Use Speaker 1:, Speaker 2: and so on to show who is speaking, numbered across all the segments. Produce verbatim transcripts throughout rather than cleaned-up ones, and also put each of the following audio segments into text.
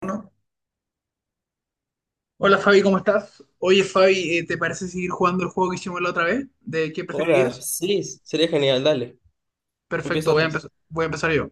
Speaker 1: Bueno, hola Fabi, ¿cómo estás? Oye Fabi, eh, ¿te parece seguir jugando el juego que hicimos la otra vez? ¿De qué
Speaker 2: Hola,
Speaker 1: preferirías?
Speaker 2: sí, sería genial, dale.
Speaker 1: Perfecto,
Speaker 2: Empieza
Speaker 1: voy a
Speaker 2: tú
Speaker 1: empezar, voy a empezar yo.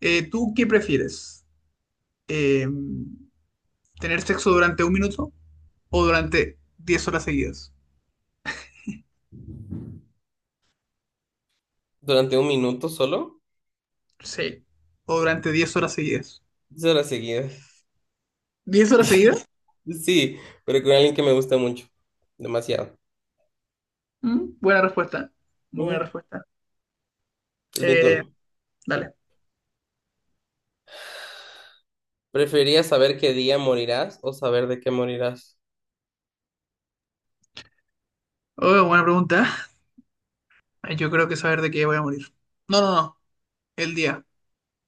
Speaker 1: Eh, ¿tú qué prefieres? Eh, ¿tener sexo durante un minuto o durante diez horas seguidas?
Speaker 2: durante un minuto solo,
Speaker 1: Sí. ¿O durante diez horas seguidas?
Speaker 2: diez horas seguidas.
Speaker 1: ¿Diez horas seguidas?
Speaker 2: Sí, pero con alguien que me gusta mucho, demasiado.
Speaker 1: Mm, buena respuesta, muy buena
Speaker 2: Ujú.
Speaker 1: respuesta.
Speaker 2: Es mi
Speaker 1: Eh,
Speaker 2: turno.
Speaker 1: dale.
Speaker 2: ¿Preferirías saber qué día morirás o saber de qué morirás?
Speaker 1: Oh, buena pregunta. Ay, yo creo que saber de qué voy a morir. No, no, no, el día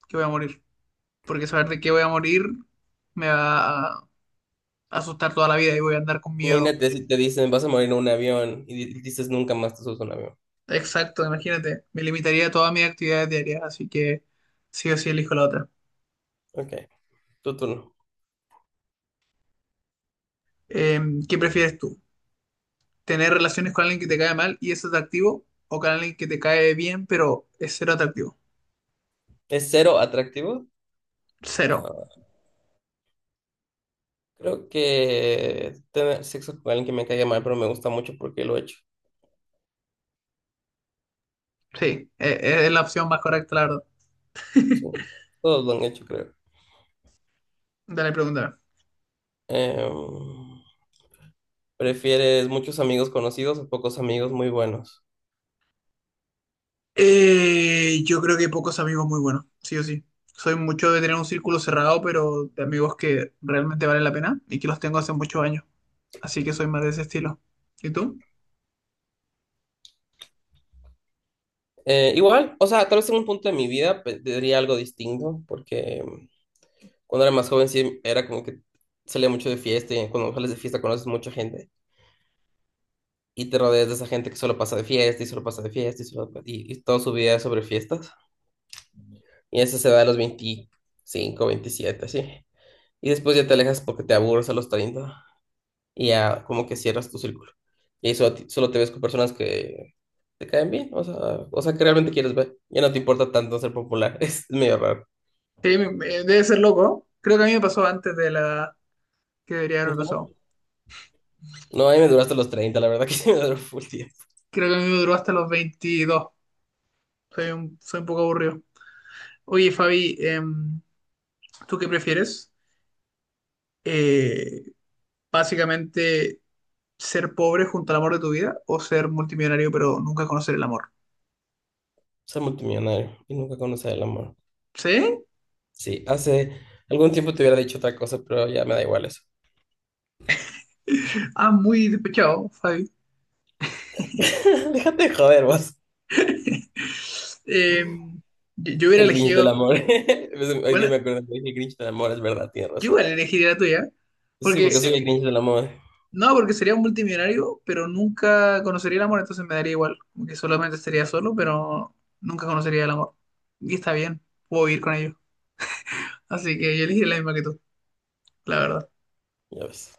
Speaker 1: que voy a morir, porque saber de qué voy a morir me va a asustar toda la vida y voy a andar con miedo.
Speaker 2: Imagínate si te dicen vas a morir en un avión y di- dices nunca más te subes a un avión.
Speaker 1: Exacto, imagínate, me limitaría a todas mis actividades diarias, así que sí o sí elijo la otra.
Speaker 2: Ok, tu turno.
Speaker 1: Eh, ¿qué prefieres tú? ¿Tener relaciones con alguien que te cae mal y es atractivo o con alguien que te cae bien pero es cero atractivo?
Speaker 2: ¿Es cero atractivo?
Speaker 1: Cero.
Speaker 2: Ah, creo que tener sexo con alguien que me caiga mal, pero me gusta mucho porque lo he hecho.
Speaker 1: Sí, e- e- es la opción más correcta, la verdad.
Speaker 2: Sí, todos lo han hecho, creo.
Speaker 1: Dale, pregúntame.
Speaker 2: Em, ¿Prefieres muchos amigos conocidos o pocos amigos muy buenos?
Speaker 1: Eh, yo creo que pocos amigos muy buenos, sí o sí. Soy mucho de tener un círculo cerrado, pero de amigos que realmente valen la pena y que los tengo hace muchos años. Así que soy más de ese estilo. ¿Y tú?
Speaker 2: Eh, igual, o sea, tal vez en un punto de mi vida pe- diría algo distinto, porque mm, cuando era más joven sí era como que salía mucho de fiesta y cuando sales de fiesta conoces mucha gente y te rodeas de esa gente que solo pasa de fiesta y solo pasa de fiesta y, solo, y, y toda su vida es sobre fiestas. Y eso se da a los veinticinco veintisiete así. Y después ya te alejas porque te aburres a los treinta y ya como que cierras tu círculo. Y eso, solo te ves con personas que te caen bien, o sea, o sea que realmente quieres ver. Ya no te importa tanto ser popular, es medio raro.
Speaker 1: Sí, me- me- debe ser loco, ¿no? Creo que a mí me pasó antes de la edad que debería haberme
Speaker 2: Ujú.
Speaker 1: pasado.
Speaker 2: No, ahí me duraste los treinta, la verdad que sí me duró full tiempo.
Speaker 1: Creo que a mí me duró hasta los veintidós. Soy un, soy un poco aburrido. Oye, Fabi, em, ¿tú qué prefieres? Eh, básicamente, ¿ser pobre junto al amor de tu vida o ser multimillonario pero nunca conocer el amor?
Speaker 2: Ser multimillonario y nunca conocer el amor.
Speaker 1: ¿Sí?
Speaker 2: Sí, hace algún tiempo te hubiera dicho otra cosa, pero ya me da igual eso.
Speaker 1: Ah, muy despechado, Fabi.
Speaker 2: Déjate de joder, vos.
Speaker 1: Eh, yo, yo hubiera
Speaker 2: El Grinch del
Speaker 1: elegido,
Speaker 2: amor. Hoy día
Speaker 1: bueno,
Speaker 2: me acuerdo que dije el Grinch del amor, es verdad, tienes
Speaker 1: yo
Speaker 2: razón.
Speaker 1: igual elegiría la tuya,
Speaker 2: Sí,
Speaker 1: porque,
Speaker 2: porque
Speaker 1: sí,
Speaker 2: soy el Grinch del amor.
Speaker 1: no, porque sería un multimillonario, pero nunca conocería el amor, entonces me daría igual, como que solamente estaría solo, pero nunca conocería el amor. Y está bien, puedo vivir con ellos. Así que yo elegiría la misma que tú, la verdad.
Speaker 2: Ya ves.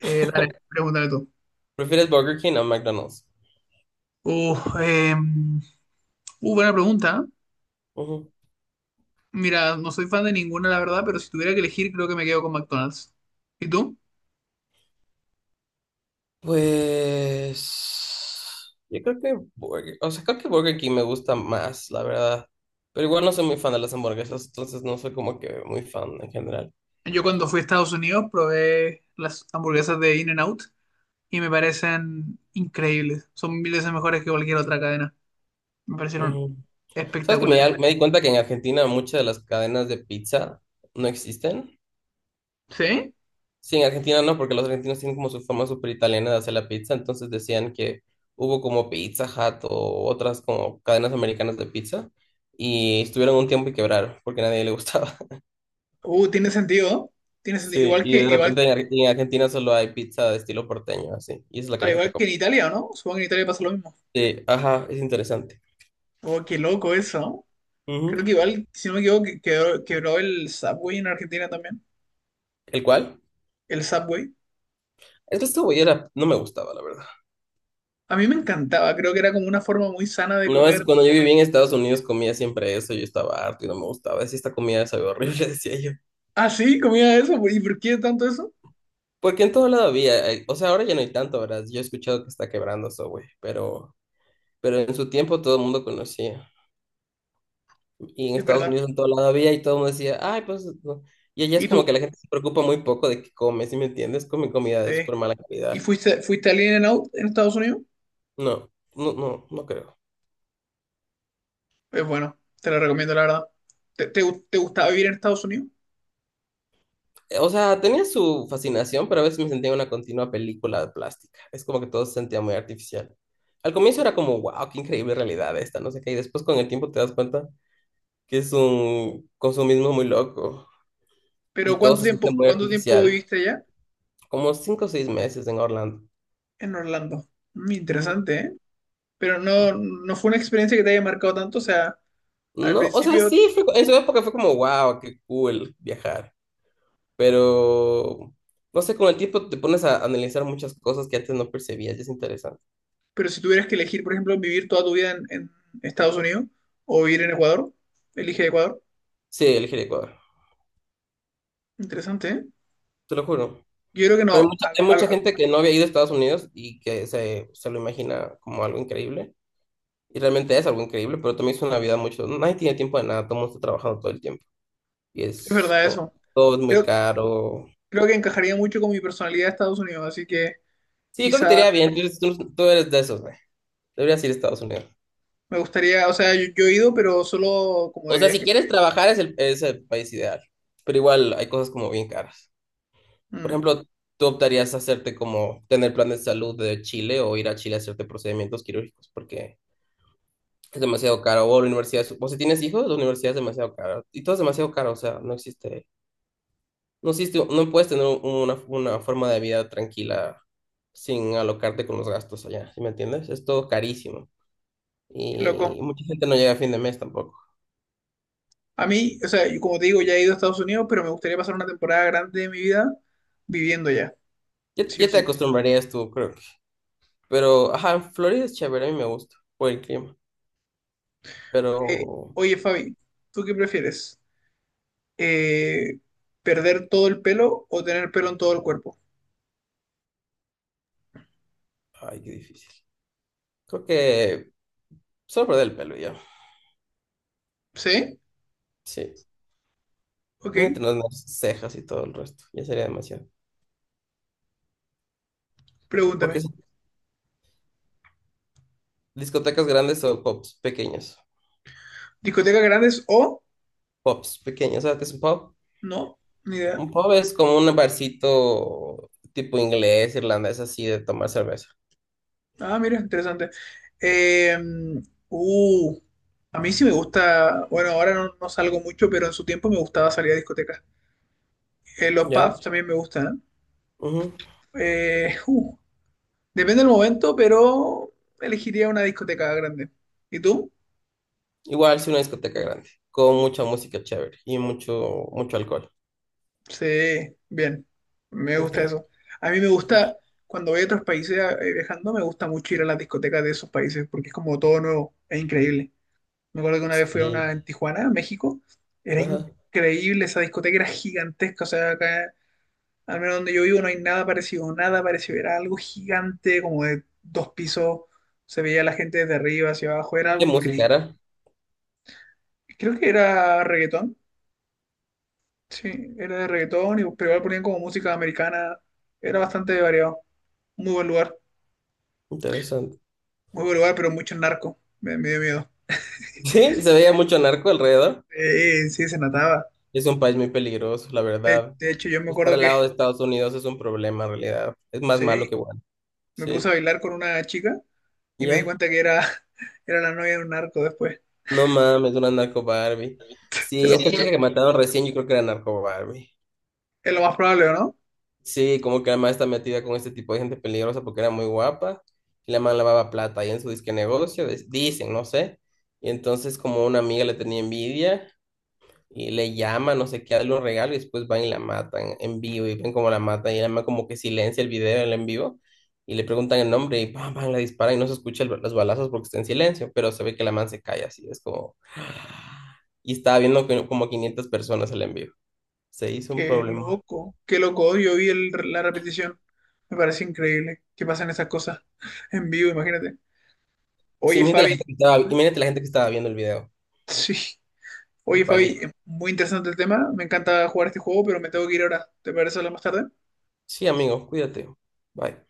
Speaker 1: Eh, dale, pregúntame tú.
Speaker 2: ¿Prefieres Burger King o McDonald's?
Speaker 1: Uh, eh, uh, buena pregunta.
Speaker 2: Ujú.
Speaker 1: Mira, no soy fan de ninguna, la verdad, pero si tuviera que elegir, creo que me quedo con McDonald's. ¿Y tú?
Speaker 2: Pues yo creo que Burger, o sea, creo que Burger King me gusta más, la verdad. Pero igual no soy muy fan de las hamburguesas, entonces no soy como que muy fan en general.
Speaker 1: Yo cuando fui a Estados Unidos probé las hamburguesas de In-N-Out y me parecen increíbles. Son mil veces mejores que cualquier otra cadena. Me parecieron
Speaker 2: Ujú. ¿Sabes que me,
Speaker 1: espectaculares.
Speaker 2: da- me di cuenta que en Argentina muchas de las cadenas de pizza no existen?
Speaker 1: ¿Sí?
Speaker 2: Sí, en Argentina no, porque los argentinos tienen como su forma súper italiana de hacer la pizza, entonces decían que hubo como Pizza Hut o otras como cadenas americanas de pizza y estuvieron un tiempo y quebraron porque a nadie le gustaba.
Speaker 1: Uh, tiene sentido. Tiene sentido.
Speaker 2: Sí,
Speaker 1: Igual que,
Speaker 2: y de
Speaker 1: igual,
Speaker 2: repente en Ar- en Argentina solo hay pizza de estilo porteño, así, y es la que
Speaker 1: al
Speaker 2: la gente
Speaker 1: igual que
Speaker 2: come.
Speaker 1: en Italia, ¿no? Supongo que en Italia pasa lo mismo.
Speaker 2: Sí, ajá, es interesante.
Speaker 1: Oh, qué loco eso, ¿no? Creo
Speaker 2: Ujú.
Speaker 1: que igual, si no me equivoco, que- quebró, quebró el Subway en Argentina también.
Speaker 2: ¿El cual?
Speaker 1: El Subway.
Speaker 2: Es que esta era, no me gustaba, la verdad.
Speaker 1: A mí me encantaba. Creo que era como una forma muy sana de
Speaker 2: No, es
Speaker 1: comer.
Speaker 2: cuando yo vivía en Estados Unidos comía siempre eso, yo estaba harto y no me gustaba. Decía, esta comida sabe horrible, decía yo.
Speaker 1: Ah, sí, comía eso. ¿Y por qué tanto eso?
Speaker 2: Porque en todo lado había, eh, o sea, ahora ya no hay tanto, ¿verdad? Yo he escuchado que está quebrando eso, güey, pero, pero en su tiempo todo el mundo conocía. Y en
Speaker 1: Es
Speaker 2: Estados
Speaker 1: verdad.
Speaker 2: Unidos en todo lado había y todo el mundo decía, ay, pues no". Y allá es
Speaker 1: ¿Y
Speaker 2: como
Speaker 1: tú?
Speaker 2: que la gente se preocupa muy poco de qué come, ¿sí me entiendes? Come comida de
Speaker 1: Sí.
Speaker 2: súper mala
Speaker 1: ¿Y
Speaker 2: calidad.
Speaker 1: fuiste, fuiste al In-N-Out en Estados Unidos?
Speaker 2: No, no, no, no creo.
Speaker 1: Es bueno, te lo recomiendo, la verdad. ¿Te, te, gu- te gustaba vivir en Estados Unidos?
Speaker 2: Eh, O sea, tenía su fascinación, pero a veces me sentía en una continua película de plástica. Es como que todo se sentía muy artificial. Al comienzo era
Speaker 1: Uh.
Speaker 2: como, wow, qué increíble realidad esta, no sé qué. Y después con el tiempo te das cuenta que es un consumismo muy loco
Speaker 1: Pero
Speaker 2: y todo
Speaker 1: ¿cuánto
Speaker 2: se siente
Speaker 1: tiempo,
Speaker 2: muy
Speaker 1: cuánto tiempo
Speaker 2: artificial.
Speaker 1: viviste allá?
Speaker 2: Como cinco o seis meses en Orlando.
Speaker 1: En Orlando. Mm,
Speaker 2: Ujú.
Speaker 1: interesante, ¿eh? Pero no, no fue una experiencia que te haya marcado tanto, o sea, al
Speaker 2: No, o sea,
Speaker 1: principio,
Speaker 2: sí, fue, en su época fue como, wow, qué cool viajar. Pero, no sé, con el tiempo te pones a analizar muchas cosas que antes no percibías y es interesante.
Speaker 1: pero si tuvieras que elegir, por ejemplo, vivir toda tu vida en, en Estados Unidos o vivir en Ecuador, elige Ecuador.
Speaker 2: Sí, elegir Ecuador,
Speaker 1: Interesante, ¿eh?
Speaker 2: te lo juro.
Speaker 1: Yo creo que
Speaker 2: Pero hay
Speaker 1: no,
Speaker 2: mucha,
Speaker 1: al-
Speaker 2: hay
Speaker 1: al-
Speaker 2: mucha
Speaker 1: al-
Speaker 2: gente que no había ido a Estados Unidos y que se, se lo imagina como algo increíble. Y realmente es algo increíble, pero también es una vida mucho. Nadie tiene tiempo de nada, todo el mundo está trabajando todo el tiempo. Y
Speaker 1: es
Speaker 2: es
Speaker 1: verdad
Speaker 2: como,
Speaker 1: eso.
Speaker 2: todo es muy
Speaker 1: Creo,
Speaker 2: caro.
Speaker 1: creo que encajaría mucho con mi personalidad de Estados Unidos, así que
Speaker 2: Sí, creo que te
Speaker 1: quizás
Speaker 2: iría bien, tú, eres- tú- tú eres de esos, güey. Deberías ir a Estados Unidos.
Speaker 1: me gustaría, o sea, yo, yo he ido, pero solo como
Speaker 2: O
Speaker 1: de
Speaker 2: sea, si
Speaker 1: viaje.
Speaker 2: quieres trabajar es el, es el país ideal, pero igual hay cosas como bien caras. Por
Speaker 1: Mm,
Speaker 2: ejemplo, ¿tú optarías hacerte como tener plan de salud de Chile o ir a Chile a hacerte procedimientos quirúrgicos porque es demasiado caro? O la universidad, es- o si tienes hijos, la universidad es demasiado cara. Y todo es demasiado caro, o sea, no existe, no existe, no puedes tener una, una forma de vida tranquila sin alocarte con los gastos allá, ¿sí me entiendes? Es todo carísimo
Speaker 1: qué loco.
Speaker 2: y mucha gente no llega a fin de mes tampoco.
Speaker 1: A mí, o sea, yo como te digo, ya he ido a Estados Unidos, pero me gustaría pasar una temporada grande de mi vida viviendo allá,
Speaker 2: Ya,
Speaker 1: sí o
Speaker 2: ya te
Speaker 1: sí.
Speaker 2: acostumbrarías tú, creo que. Pero, ajá, Florida es chévere, a mí me gusta por el clima. Pero,
Speaker 1: Eh, oye, Fabi, ¿tú qué prefieres? Eh, ¿perder todo el pelo o tener pelo en todo el cuerpo?
Speaker 2: ay, qué difícil. Creo que solo perder el pelo y ya.
Speaker 1: ¿Sí?
Speaker 2: Sí.
Speaker 1: Ok,
Speaker 2: Mírate tener las cejas y todo el resto. Ya sería demasiado. Porque
Speaker 1: pregúntame.
Speaker 2: son discotecas grandes o pubs pequeños.
Speaker 1: ¿Discotecas grandes o
Speaker 2: Pubs pequeños, ¿sabes qué es un pub?
Speaker 1: no? Ni idea.
Speaker 2: Un pub es como un barcito tipo inglés, irlandés, así de tomar cerveza.
Speaker 1: Ah, mira, interesante. Eh, uh, a mí sí me gusta, bueno, ahora no, no salgo mucho, pero en su tiempo me gustaba salir a discotecas. Eh, los
Speaker 2: Ya.
Speaker 1: pubs también me gustan.
Speaker 2: Ujú.
Speaker 1: Eh, Eh, uh, depende del momento, pero elegiría una discoteca grande. ¿Y tú?
Speaker 2: Igual si una discoteca grande, con mucha música chévere y mucho, mucho alcohol.
Speaker 1: Sí, bien, me
Speaker 2: Ok.
Speaker 1: gusta eso. A mí me gusta, cuando voy a otros países eh, viajando, me gusta mucho ir a las discotecas de esos países, porque es como todo nuevo, es increíble. Me acuerdo que una vez fui a una en
Speaker 2: Sí.
Speaker 1: Tijuana, México. Era
Speaker 2: Ajá.
Speaker 1: increíble, esa discoteca era gigantesca. O sea, acá, al menos donde yo vivo, no hay nada parecido, nada parecido. Era algo gigante, como de dos pisos. Se veía la gente desde arriba hacia abajo. Era
Speaker 2: ¿Y qué
Speaker 1: algo
Speaker 2: música
Speaker 1: increíble.
Speaker 2: era?
Speaker 1: Creo que era reggaetón. Sí, era de reggaetón, y, pero igual ponían como música americana. Era bastante variado. Muy buen lugar.
Speaker 2: Interesante.
Speaker 1: Muy buen lugar, pero mucho narco. Me, me dio miedo.
Speaker 2: Sí, se veía mucho narco alrededor.
Speaker 1: Eh, sí, se notaba.
Speaker 2: Es un país muy peligroso, la
Speaker 1: De,
Speaker 2: verdad.
Speaker 1: de hecho, yo me
Speaker 2: Estar
Speaker 1: acuerdo
Speaker 2: al
Speaker 1: que,
Speaker 2: lado de Estados Unidos es un problema, en realidad. Es más malo
Speaker 1: sí,
Speaker 2: que bueno.
Speaker 1: me puse a
Speaker 2: Sí,
Speaker 1: bailar con una chica y me di
Speaker 2: ya.
Speaker 1: cuenta que era, era la novia de un narco después.
Speaker 2: No mames, una narco Barbie.
Speaker 1: Te
Speaker 2: Sí,
Speaker 1: lo
Speaker 2: esta
Speaker 1: juro. Sí,
Speaker 2: chica que mataron recién, yo creo que era narco Barbie.
Speaker 1: es lo más probable, ¿o no?
Speaker 2: Sí, como que además está metida con este tipo de gente peligrosa porque era muy guapa. Y la man lavaba plata ahí en su disque negocio, dis- dicen, no sé. Y entonces, como una amiga le tenía envidia. Y le llama, no sé qué, a los regalos y después van y la matan en vivo y ven cómo la matan y la mamá como que silencia el video el en vivo y le preguntan el nombre y pam, pam, la disparan y no se escucha el- los balazos porque está en silencio, pero se ve que la man se cae así, es como. Y estaba viendo que como quinientas personas el en vivo. Se hizo un
Speaker 1: Qué
Speaker 2: problema.
Speaker 1: loco, qué loco. Yo vi el- la repetición. Me parece increíble que pasen esas cosas en vivo, imagínate.
Speaker 2: Sí,
Speaker 1: Oye,
Speaker 2: imagínate la
Speaker 1: Fabi,
Speaker 2: gente que estaba, imagínate la gente que estaba viendo el video.
Speaker 1: sí.
Speaker 2: Qué
Speaker 1: Oye,
Speaker 2: pánico.
Speaker 1: Fabi, muy interesante el tema. Me encanta jugar este juego, pero me tengo que ir ahora. ¿Te parece hablar más tarde?
Speaker 2: Sí, amigo, cuídate. Bye.